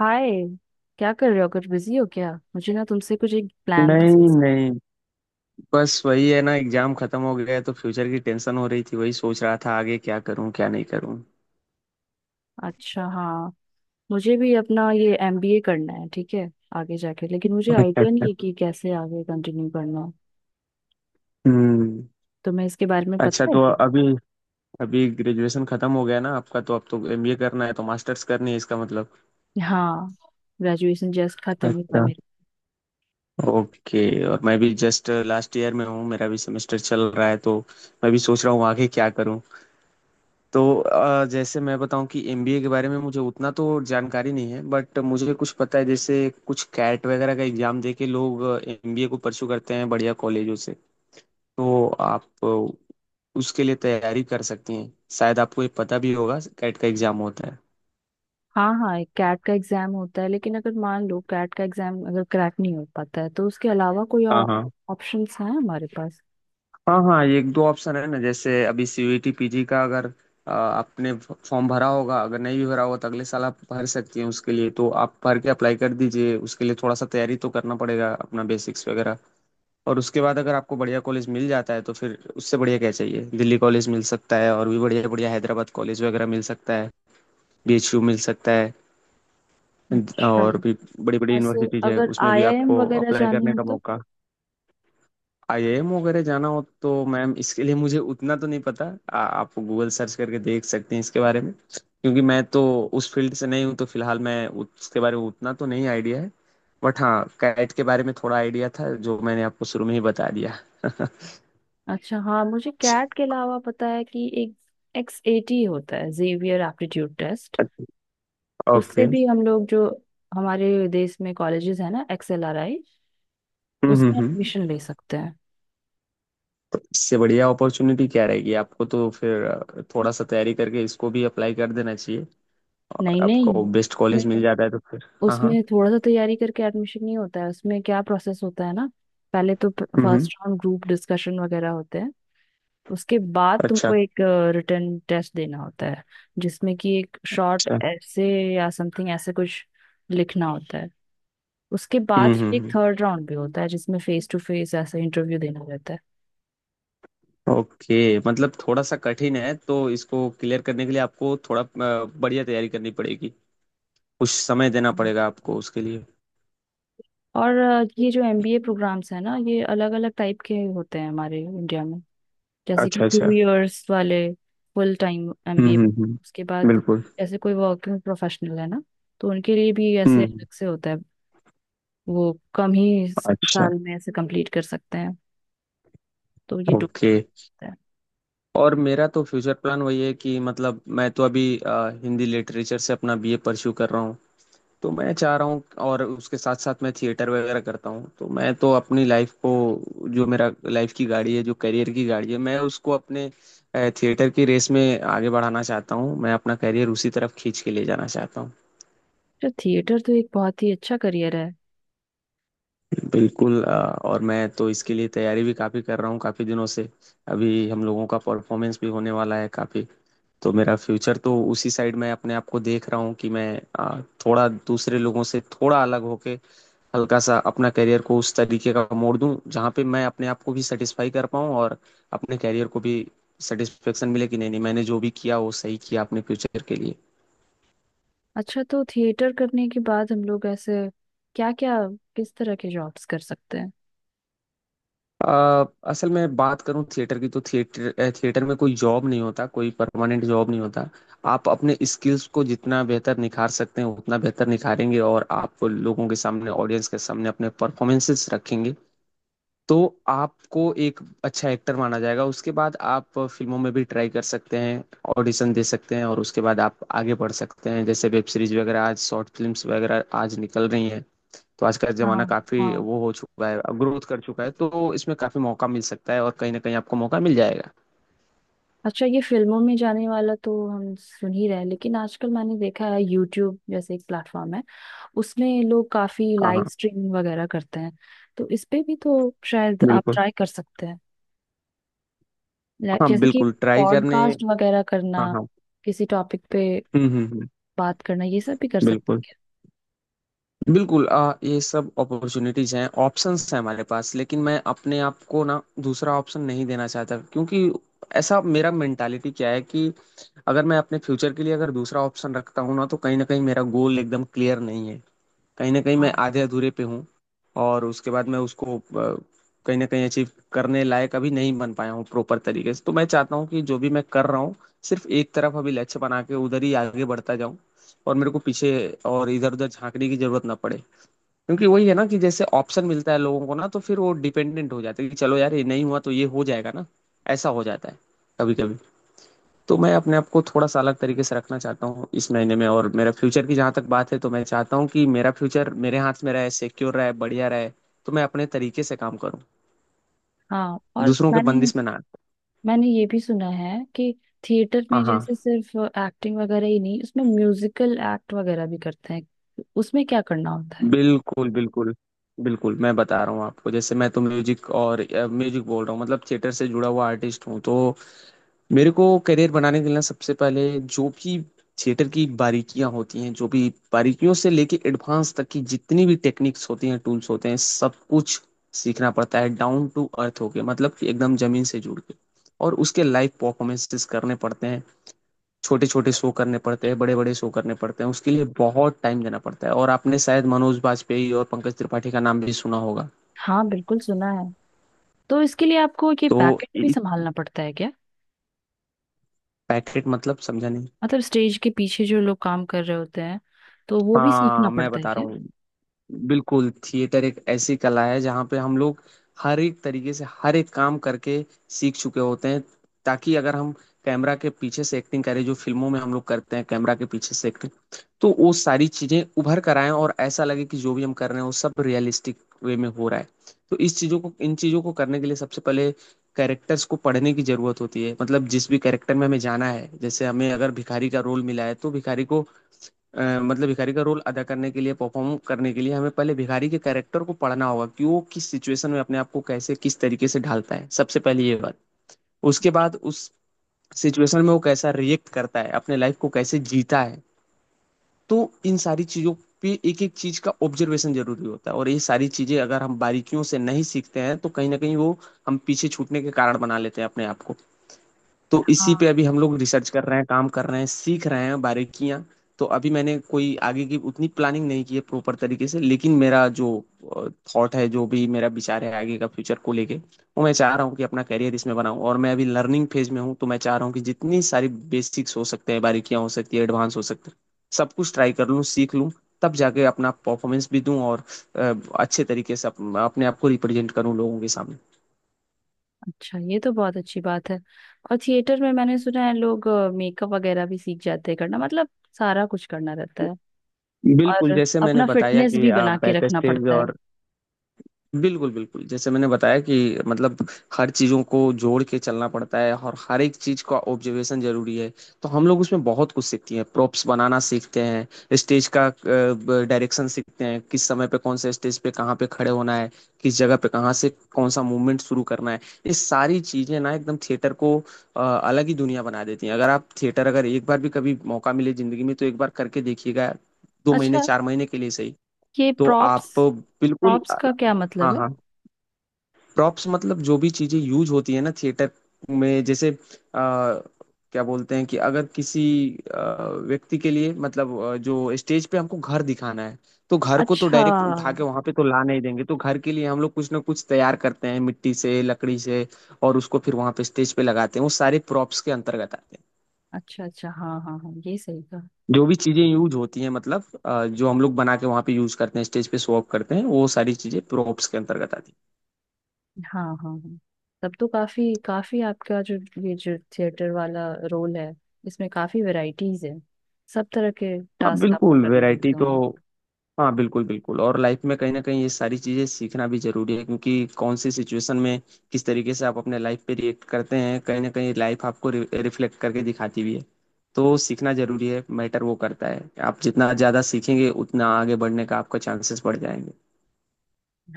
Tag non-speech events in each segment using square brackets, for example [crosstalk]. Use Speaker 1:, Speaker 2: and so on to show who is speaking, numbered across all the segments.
Speaker 1: हाय। क्या कर रहे हो? कुछ बिजी हो क्या? मुझे ना तुमसे कुछ एक प्लान।
Speaker 2: नहीं नहीं, बस वही है ना एग्जाम खत्म हो गया है, तो फ्यूचर की टेंशन हो रही थी वही सोच रहा था आगे क्या करूं क्या नहीं करूं।
Speaker 1: अच्छा। हाँ, मुझे भी अपना ये एमबीए करना है। ठीक है, आगे जाके, लेकिन मुझे
Speaker 2: अच्छा
Speaker 1: आइडिया
Speaker 2: अच्छा।
Speaker 1: नहीं है कि कैसे आगे कंटिन्यू करना है।
Speaker 2: हम्म।
Speaker 1: तुम्हें इसके बारे में
Speaker 2: अच्छा
Speaker 1: पता है
Speaker 2: तो
Speaker 1: क्या?
Speaker 2: अभी अभी ग्रेजुएशन खत्म हो गया ना आपका, तो अब तो एमबीए करना है तो मास्टर्स करनी है इसका मतलब।
Speaker 1: हाँ, ग्रेजुएशन जस्ट खत्म हुआ
Speaker 2: अच्छा।
Speaker 1: मेरा।
Speaker 2: ओके। और मैं भी जस्ट लास्ट ईयर में हूँ मेरा भी सेमेस्टर चल रहा है, तो मैं भी सोच रहा हूँ आगे क्या करूँ। तो जैसे मैं बताऊं कि एमबीए के बारे में मुझे उतना तो जानकारी नहीं है बट मुझे कुछ पता है, जैसे कुछ कैट वगैरह का एग्जाम दे के लोग एमबीए को परस्यू करते हैं बढ़िया कॉलेजों से। तो आप उसके लिए तैयारी कर सकती हैं, शायद आपको ये पता भी होगा कैट का एग्जाम होता है।
Speaker 1: हाँ हाँ, एक कैट का एग्जाम होता है, लेकिन अगर मान लो कैट का एग्जाम अगर क्रैक नहीं हो पाता है तो उसके अलावा कोई
Speaker 2: हाँ
Speaker 1: और
Speaker 2: हाँ।
Speaker 1: ऑप्शंस हैं हमारे पास?
Speaker 2: हाँ हाँ, ये एक दो ऑप्शन है ना, जैसे अभी सीयूईटी पीजी का अगर आपने फॉर्म भरा होगा, अगर नहीं भी भरा होगा तो अगले साल आप भर सकती हैं उसके लिए, तो आप भर के अप्लाई कर दीजिए। उसके लिए थोड़ा सा तैयारी तो करना पड़ेगा अपना बेसिक्स वगैरह, और उसके बाद अगर आपको बढ़िया कॉलेज मिल जाता है तो फिर उससे बढ़िया क्या चाहिए। दिल्ली कॉलेज मिल सकता है, और भी बढ़िया बढ़िया हैदराबाद कॉलेज वगैरह मिल सकता है, बीएचयू मिल सकता है,
Speaker 1: अच्छा।
Speaker 2: और भी बड़ी बड़ी
Speaker 1: ऐसे
Speaker 2: यूनिवर्सिटीज है
Speaker 1: अगर
Speaker 2: उसमें भी
Speaker 1: आईआईएम
Speaker 2: आपको
Speaker 1: वगैरह
Speaker 2: अप्लाई
Speaker 1: जाने
Speaker 2: करने
Speaker 1: हो
Speaker 2: का
Speaker 1: तो?
Speaker 2: मौका। आईआईएम वगैरह जाना हो तो मैम इसके लिए मुझे उतना तो नहीं पता। आप गूगल सर्च करके देख सकते हैं इसके बारे में क्योंकि मैं तो उस फील्ड से नहीं हूँ, तो फिलहाल मैं उसके बारे में उतना तो नहीं आइडिया है। बट हाँ, कैट के बारे में थोड़ा आइडिया था जो मैंने आपको शुरू में ही बता दिया।
Speaker 1: अच्छा। हाँ, मुझे कैट के अलावा पता है कि एक एक्स एटी होता है, जेवियर एप्टीट्यूड टेस्ट।
Speaker 2: [laughs]
Speaker 1: उससे
Speaker 2: ओके।
Speaker 1: भी हम लोग जो हमारे देश में कॉलेजेस है ना, एक्सएलआरआई, उसमें
Speaker 2: हम्म।
Speaker 1: एडमिशन ले सकते हैं।
Speaker 2: तो इससे बढ़िया अपॉर्चुनिटी क्या रहेगी आपको, तो फिर थोड़ा सा तैयारी करके इसको भी अप्लाई कर देना चाहिए,
Speaker 1: नहीं
Speaker 2: और
Speaker 1: नहीं,
Speaker 2: आपको बेस्ट कॉलेज मिल
Speaker 1: उसमें
Speaker 2: जाता है तो फिर हाँ हाँ।
Speaker 1: उसमें थोड़ा सा तैयारी करके एडमिशन नहीं होता है। उसमें क्या प्रोसेस होता है ना, पहले तो
Speaker 2: हम्म।
Speaker 1: फर्स्ट राउंड ग्रुप डिस्कशन वगैरह होते हैं। उसके बाद
Speaker 2: अच्छा
Speaker 1: तुमको एक रिटर्न टेस्ट देना होता है, जिसमें कि एक शॉर्ट
Speaker 2: अच्छा।
Speaker 1: ऐसे या समथिंग ऐसे कुछ लिखना होता है। उसके
Speaker 2: हम्म
Speaker 1: बाद
Speaker 2: हम्म
Speaker 1: फिर एक
Speaker 2: हम्म।
Speaker 1: थर्ड राउंड भी होता है, जिसमें फेस टू फेस ऐसा इंटरव्यू देना रहता है।
Speaker 2: ओके मतलब थोड़ा सा कठिन है, तो इसको क्लियर करने के लिए आपको थोड़ा बढ़िया तैयारी करनी पड़ेगी, कुछ समय देना पड़ेगा
Speaker 1: हाँ।
Speaker 2: आपको उसके लिए।
Speaker 1: और ये जो एमबीए प्रोग्राम्स है ना, ये अलग अलग टाइप के होते हैं हमारे इंडिया में। जैसे कि
Speaker 2: अच्छा
Speaker 1: टू
Speaker 2: अच्छा।
Speaker 1: इयर्स वाले फुल टाइम एमबीए। उसके बाद
Speaker 2: बिल्कुल।
Speaker 1: जैसे कोई वर्किंग प्रोफेशनल है ना, तो उनके लिए भी ऐसे
Speaker 2: हम्म।
Speaker 1: अलग से होता है। वो कम ही
Speaker 2: अच्छा।
Speaker 1: साल में ऐसे कंप्लीट कर सकते हैं। तो ये दो
Speaker 2: ओके।
Speaker 1: टाइप होता है।
Speaker 2: और मेरा तो फ्यूचर प्लान वही है कि मतलब मैं तो अभी हिंदी लिटरेचर से अपना बीए परस्यू कर रहा हूँ, तो मैं चाह रहा हूँ, और उसके साथ साथ मैं थिएटर वगैरह करता हूँ, तो मैं तो अपनी लाइफ को, जो मेरा लाइफ की गाड़ी है जो करियर की गाड़ी है मैं उसको अपने थिएटर की रेस में आगे बढ़ाना चाहता हूँ, मैं अपना करियर उसी तरफ खींच के ले जाना चाहता हूँ।
Speaker 1: तो थिएटर तो एक बहुत ही अच्छा करियर है।
Speaker 2: बिल्कुल और मैं तो इसके लिए तैयारी भी काफ़ी कर रहा हूँ काफ़ी दिनों से, अभी हम लोगों का परफॉर्मेंस भी होने वाला है काफ़ी, तो मेरा फ्यूचर तो उसी साइड में अपने आप को देख रहा हूँ कि मैं आ, थोड़ा दूसरे लोगों से थोड़ा अलग होके हल्का सा अपना करियर को उस तरीके का मोड़ दूं जहाँ पे मैं अपने आप को भी सेटिस्फाई कर पाऊँ, और अपने करियर को भी सेटिस्फेक्शन मिले कि नहीं नहीं मैंने जो भी किया वो सही किया अपने फ्यूचर के लिए।
Speaker 1: अच्छा, तो थिएटर करने के बाद हम लोग ऐसे क्या क्या, किस तरह के जॉब्स कर सकते हैं?
Speaker 2: अ, असल में बात करूं थिएटर की, तो थिएटर में कोई जॉब नहीं होता, कोई परमानेंट जॉब नहीं होता। आप अपने स्किल्स को जितना बेहतर निखार सकते हैं उतना बेहतर निखारेंगे, और आप लोगों के सामने ऑडियंस के सामने अपने परफॉर्मेंसेस रखेंगे, तो आपको एक अच्छा एक्टर माना जाएगा। उसके बाद आप फिल्मों में भी ट्राई कर सकते हैं, ऑडिशन दे सकते हैं, और उसके बाद आप आगे बढ़ सकते हैं। जैसे वेब सीरीज वगैरह आज शॉर्ट फिल्म्स वगैरह आज निकल रही हैं, तो आज का
Speaker 1: हाँ
Speaker 2: जमाना काफी
Speaker 1: हाँ।
Speaker 2: वो हो चुका है, ग्रोथ कर चुका है, तो इसमें काफी मौका मिल सकता है और कहीं ना कहीं आपको मौका मिल जाएगा।
Speaker 1: अच्छा, ये फिल्मों में जाने वाला तो हम सुन ही रहे हैं, लेकिन आजकल मैंने देखा है यूट्यूब जैसे एक प्लेटफॉर्म है, उसमें लोग काफी
Speaker 2: हाँ
Speaker 1: लाइव
Speaker 2: हाँ,
Speaker 1: स्ट्रीमिंग वगैरह करते हैं। तो इस पे भी तो शायद आप
Speaker 2: बिल्कुल।
Speaker 1: ट्राई कर सकते हैं।
Speaker 2: हाँ,
Speaker 1: जैसे कि
Speaker 2: बिल्कुल ट्राई करने।
Speaker 1: पॉडकास्ट वगैरह करना,
Speaker 2: हाँ हाँ।
Speaker 1: किसी टॉपिक पे
Speaker 2: हम्म।
Speaker 1: बात करना, ये सब भी कर
Speaker 2: बिल्कुल,
Speaker 1: सकते
Speaker 2: बिल्कुल ये सब अपॉर्चुनिटीज हैं ऑप्शंस हैं हमारे पास, लेकिन मैं अपने आप को ना दूसरा ऑप्शन नहीं देना चाहता, क्योंकि ऐसा मेरा मेंटालिटी क्या है कि अगर मैं अपने फ्यूचर के लिए अगर दूसरा ऑप्शन रखता हूँ ना तो कहीं ना कहीं मेरा गोल एकदम क्लियर नहीं है, कहीं ना कहीं
Speaker 1: हैं।
Speaker 2: मैं
Speaker 1: हाँ
Speaker 2: आधे अधूरे पे हूँ, और उसके बाद मैं उसको कहीं ना कहीं अचीव करने लायक अभी नहीं बन पाया हूँ प्रॉपर तरीके से। तो मैं चाहता हूँ कि जो भी मैं कर रहा हूँ सिर्फ एक तरफ अभी लक्ष्य बना के उधर ही आगे बढ़ता जाऊँ, और मेरे को पीछे और इधर उधर झांकने की जरूरत ना पड़े। क्योंकि वही है ना कि जैसे ऑप्शन मिलता है लोगों को ना, तो फिर वो डिपेंडेंट हो जाते हैं कि चलो यार ये नहीं हुआ तो ये हो जाएगा ना, ऐसा हो जाता है कभी कभी। तो मैं अपने आप को थोड़ा सा अलग तरीके से रखना चाहता हूँ इस महीने में, और मेरा फ्यूचर की जहाँ तक बात है तो मैं चाहता हूँ कि मेरा फ्यूचर मेरे हाथ में रहे सिक्योर रहे बढ़िया रहे, तो मैं अपने तरीके से काम करूँ,
Speaker 1: हाँ। और
Speaker 2: दूसरों के
Speaker 1: मैंने
Speaker 2: बंदिश में ना आए।
Speaker 1: मैंने ये भी सुना है कि थिएटर
Speaker 2: हाँ
Speaker 1: में
Speaker 2: हाँ,
Speaker 1: जैसे सिर्फ एक्टिंग वगैरह ही नहीं, उसमें म्यूजिकल एक्ट वगैरह भी करते हैं। उसमें क्या करना होता है?
Speaker 2: बिल्कुल बिल्कुल। बिल्कुल मैं बता रहा हूँ आपको, जैसे मैं तो म्यूजिक और म्यूजिक बोल रहा हूँ मतलब थिएटर से जुड़ा हुआ आर्टिस्ट हूँ, तो मेरे को करियर बनाने के लिए सबसे पहले जो भी थिएटर की बारीकियां होती हैं, जो भी बारीकियों से लेके एडवांस तक की जितनी भी टेक्निक्स होती हैं टूल्स होते हैं सब कुछ सीखना पड़ता है डाउन टू अर्थ होके, मतलब कि एकदम जमीन से जुड़ के। और उसके लाइव परफॉर्मेंसेस करने पड़ते हैं, छोटे छोटे शो करने पड़ते हैं बड़े बड़े शो करने पड़ते हैं, उसके लिए बहुत टाइम देना पड़ता है, और आपने शायद मनोज बाजपेयी और पंकज त्रिपाठी का नाम भी सुना होगा।
Speaker 1: हाँ, बिल्कुल सुना है। तो इसके लिए आपको ये
Speaker 2: तो
Speaker 1: बैकएंड भी संभालना पड़ता है क्या?
Speaker 2: पैकेट मतलब समझा नहीं।
Speaker 1: मतलब स्टेज के पीछे जो लोग काम कर रहे होते हैं, तो वो भी सीखना
Speaker 2: हाँ, मैं
Speaker 1: पड़ता है
Speaker 2: बता
Speaker 1: क्या?
Speaker 2: रहा हूँ। बिल्कुल थिएटर एक ऐसी कला है जहाँ पे हम लोग हर एक तरीके से हर एक काम करके सीख चुके होते हैं, ताकि अगर हम कैमरा के पीछे से एक्टिंग करें, जो फिल्मों में हम लोग करते हैं कैमरा के पीछे से एक्टिंग, तो वो सारी चीजें उभर कर आए और ऐसा लगे कि जो भी हम कर रहे हैं वो सब रियलिस्टिक वे में हो रहा है। तो इस चीजों को इन चीजों को करने के लिए सबसे पहले कैरेक्टर्स को पढ़ने की जरूरत होती है, मतलब जिस भी कैरेक्टर में हमें जाना है जैसे हमें अगर भिखारी का रोल मिला है तो भिखारी को मतलब भिखारी का रोल अदा करने के लिए परफॉर्म करने के लिए हमें पहले भिखारी के कैरेक्टर को पढ़ना होगा कि वो किस सिचुएशन में अपने आप को कैसे किस तरीके से ढालता है, सबसे पहले ये बात। उसके बाद उस सिचुएशन में वो कैसा रिएक्ट करता है अपने लाइफ को कैसे जीता है। तो इन सारी चीज़ों पे एक एक चीज़ का ऑब्जर्वेशन जरूरी होता है, और ये सारी चीज़ें अगर हम बारीकियों से नहीं सीखते हैं तो कहीं ना कहीं वो हम पीछे छूटने के कारण बना लेते हैं अपने आप को। तो इसी पे
Speaker 1: हाँ।
Speaker 2: अभी हम लोग रिसर्च कर रहे हैं काम कर रहे हैं सीख रहे हैं बारीकियां। तो अभी मैंने कोई आगे की उतनी प्लानिंग नहीं की है प्रॉपर तरीके से, लेकिन मेरा जो थॉट है जो भी मेरा विचार है आगे का फ्यूचर को लेके, वो मैं चाह रहा हूँ कि अपना करियर इसमें बनाऊँ, और मैं अभी लर्निंग फेज में हूँ तो मैं चाह रहा हूँ कि जितनी सारी बेसिक्स हो सकते हैं बारीकियां हो सकती है एडवांस हो सकते हैं सब कुछ ट्राई कर लूँ सीख लूँ, तब जाके अपना परफॉर्मेंस भी दूं, और अ, अच्छे तरीके से अपने आप को रिप्रेजेंट करूं लोगों के सामने।
Speaker 1: अच्छा, ये तो बहुत अच्छी बात है। और थिएटर में मैंने सुना है लोग मेकअप वगैरह भी सीख जाते हैं करना, मतलब सारा कुछ करना रहता है।
Speaker 2: बिल्कुल
Speaker 1: और
Speaker 2: जैसे मैंने
Speaker 1: अपना
Speaker 2: बताया
Speaker 1: फिटनेस
Speaker 2: कि
Speaker 1: भी बना के
Speaker 2: बैक
Speaker 1: रखना
Speaker 2: स्टेज
Speaker 1: पड़ता है।
Speaker 2: और बिल्कुल, बिल्कुल। जैसे मैंने बताया कि मतलब हर चीज़ों को जोड़ के चलना पड़ता है, और हर एक चीज़ का ऑब्जर्वेशन ज़रूरी है। तो हम लोग उसमें बहुत कुछ सीखते हैं, प्रॉप्स बनाना सीखते हैं, स्टेज का ब डायरेक्शन सीखते हैं, किस समय पे कौन-से स्टेज पे कहाँ पे खड़े होना है, किस जगह पे कहाँ से कौन-सा मूवमेंट शुरू करना है। ये सारी चीज़ें ना एकदम थिएटर को अलग ही दुनिया बना देती हैं। अगर आप थिएटर अगर एक बार भी कभी मौका मिले ज़िंदगी में तो एक बार करके देखिएगा, 2 महीने,
Speaker 1: अच्छा,
Speaker 2: 4 महीने के लिए सही,
Speaker 1: ये
Speaker 2: तो
Speaker 1: प्रॉप्स,
Speaker 2: आप बिल्कुल
Speaker 1: प्रॉप्स का क्या
Speaker 2: हाँ,
Speaker 1: मतलब है?
Speaker 2: हाँ। प्रॉप्स मतलब जो भी चीजें यूज होती है ना थिएटर में, जैसे आ, क्या बोलते हैं कि अगर किसी व्यक्ति के लिए मतलब जो स्टेज पे हमको घर दिखाना है, तो घर को तो
Speaker 1: अच्छा
Speaker 2: डायरेक्ट उठा के वहां पे तो ला नहीं देंगे, तो घर के लिए हम लोग कुछ ना कुछ तैयार करते हैं मिट्टी से लकड़ी से और उसको फिर वहां पे स्टेज पे लगाते हैं, वो सारे प्रॉप्स के अंतर्गत आते हैं।
Speaker 1: अच्छा। अच्छा, हाँ हाँ हाँ, ये सही कहा।
Speaker 2: जो भी चीजें यूज होती हैं मतलब जो हम लोग बना के वहां पे यूज करते हैं स्टेज पे शो ऑफ करते हैं वो सारी चीजें प्रॉप्स के अंतर्गत आती हैं।
Speaker 1: हाँ हाँ हाँ। तब तो काफी काफी आपका जो ये जो थिएटर वाला रोल है, इसमें काफी वैरायटीज है। सब तरह के
Speaker 2: हाँ
Speaker 1: टास्क आपको
Speaker 2: बिल्कुल
Speaker 1: करने
Speaker 2: वैरायटी
Speaker 1: पड़ते
Speaker 2: तो
Speaker 1: होंगे।
Speaker 2: हाँ बिल्कुल बिल्कुल, और लाइफ में कहीं ना कहीं ये सारी चीज़ें सीखना भी जरूरी है, क्योंकि कौन सी सिचुएशन में किस तरीके से आप अपने लाइफ पे रिएक्ट करते हैं कहीं ना कहीं लाइफ आपको रिफ्लेक्ट करके दिखाती भी है। तो सीखना जरूरी है, मैटर वो करता है। आप जितना ज़्यादा सीखेंगे उतना आगे बढ़ने का आपका चांसेस बढ़ जाएंगे।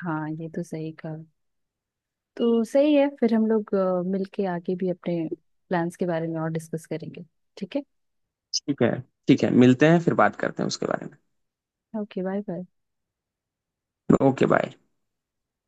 Speaker 1: हाँ, ये तो सही कहा। तो सही है, फिर हम लोग मिलके आगे भी अपने प्लान्स के बारे में और डिस्कस करेंगे। ठीक है।
Speaker 2: ठीक है। ठीक है, मिलते हैं फिर बात करते हैं उसके बारे में।
Speaker 1: Okay, bye bye.
Speaker 2: Okay bye.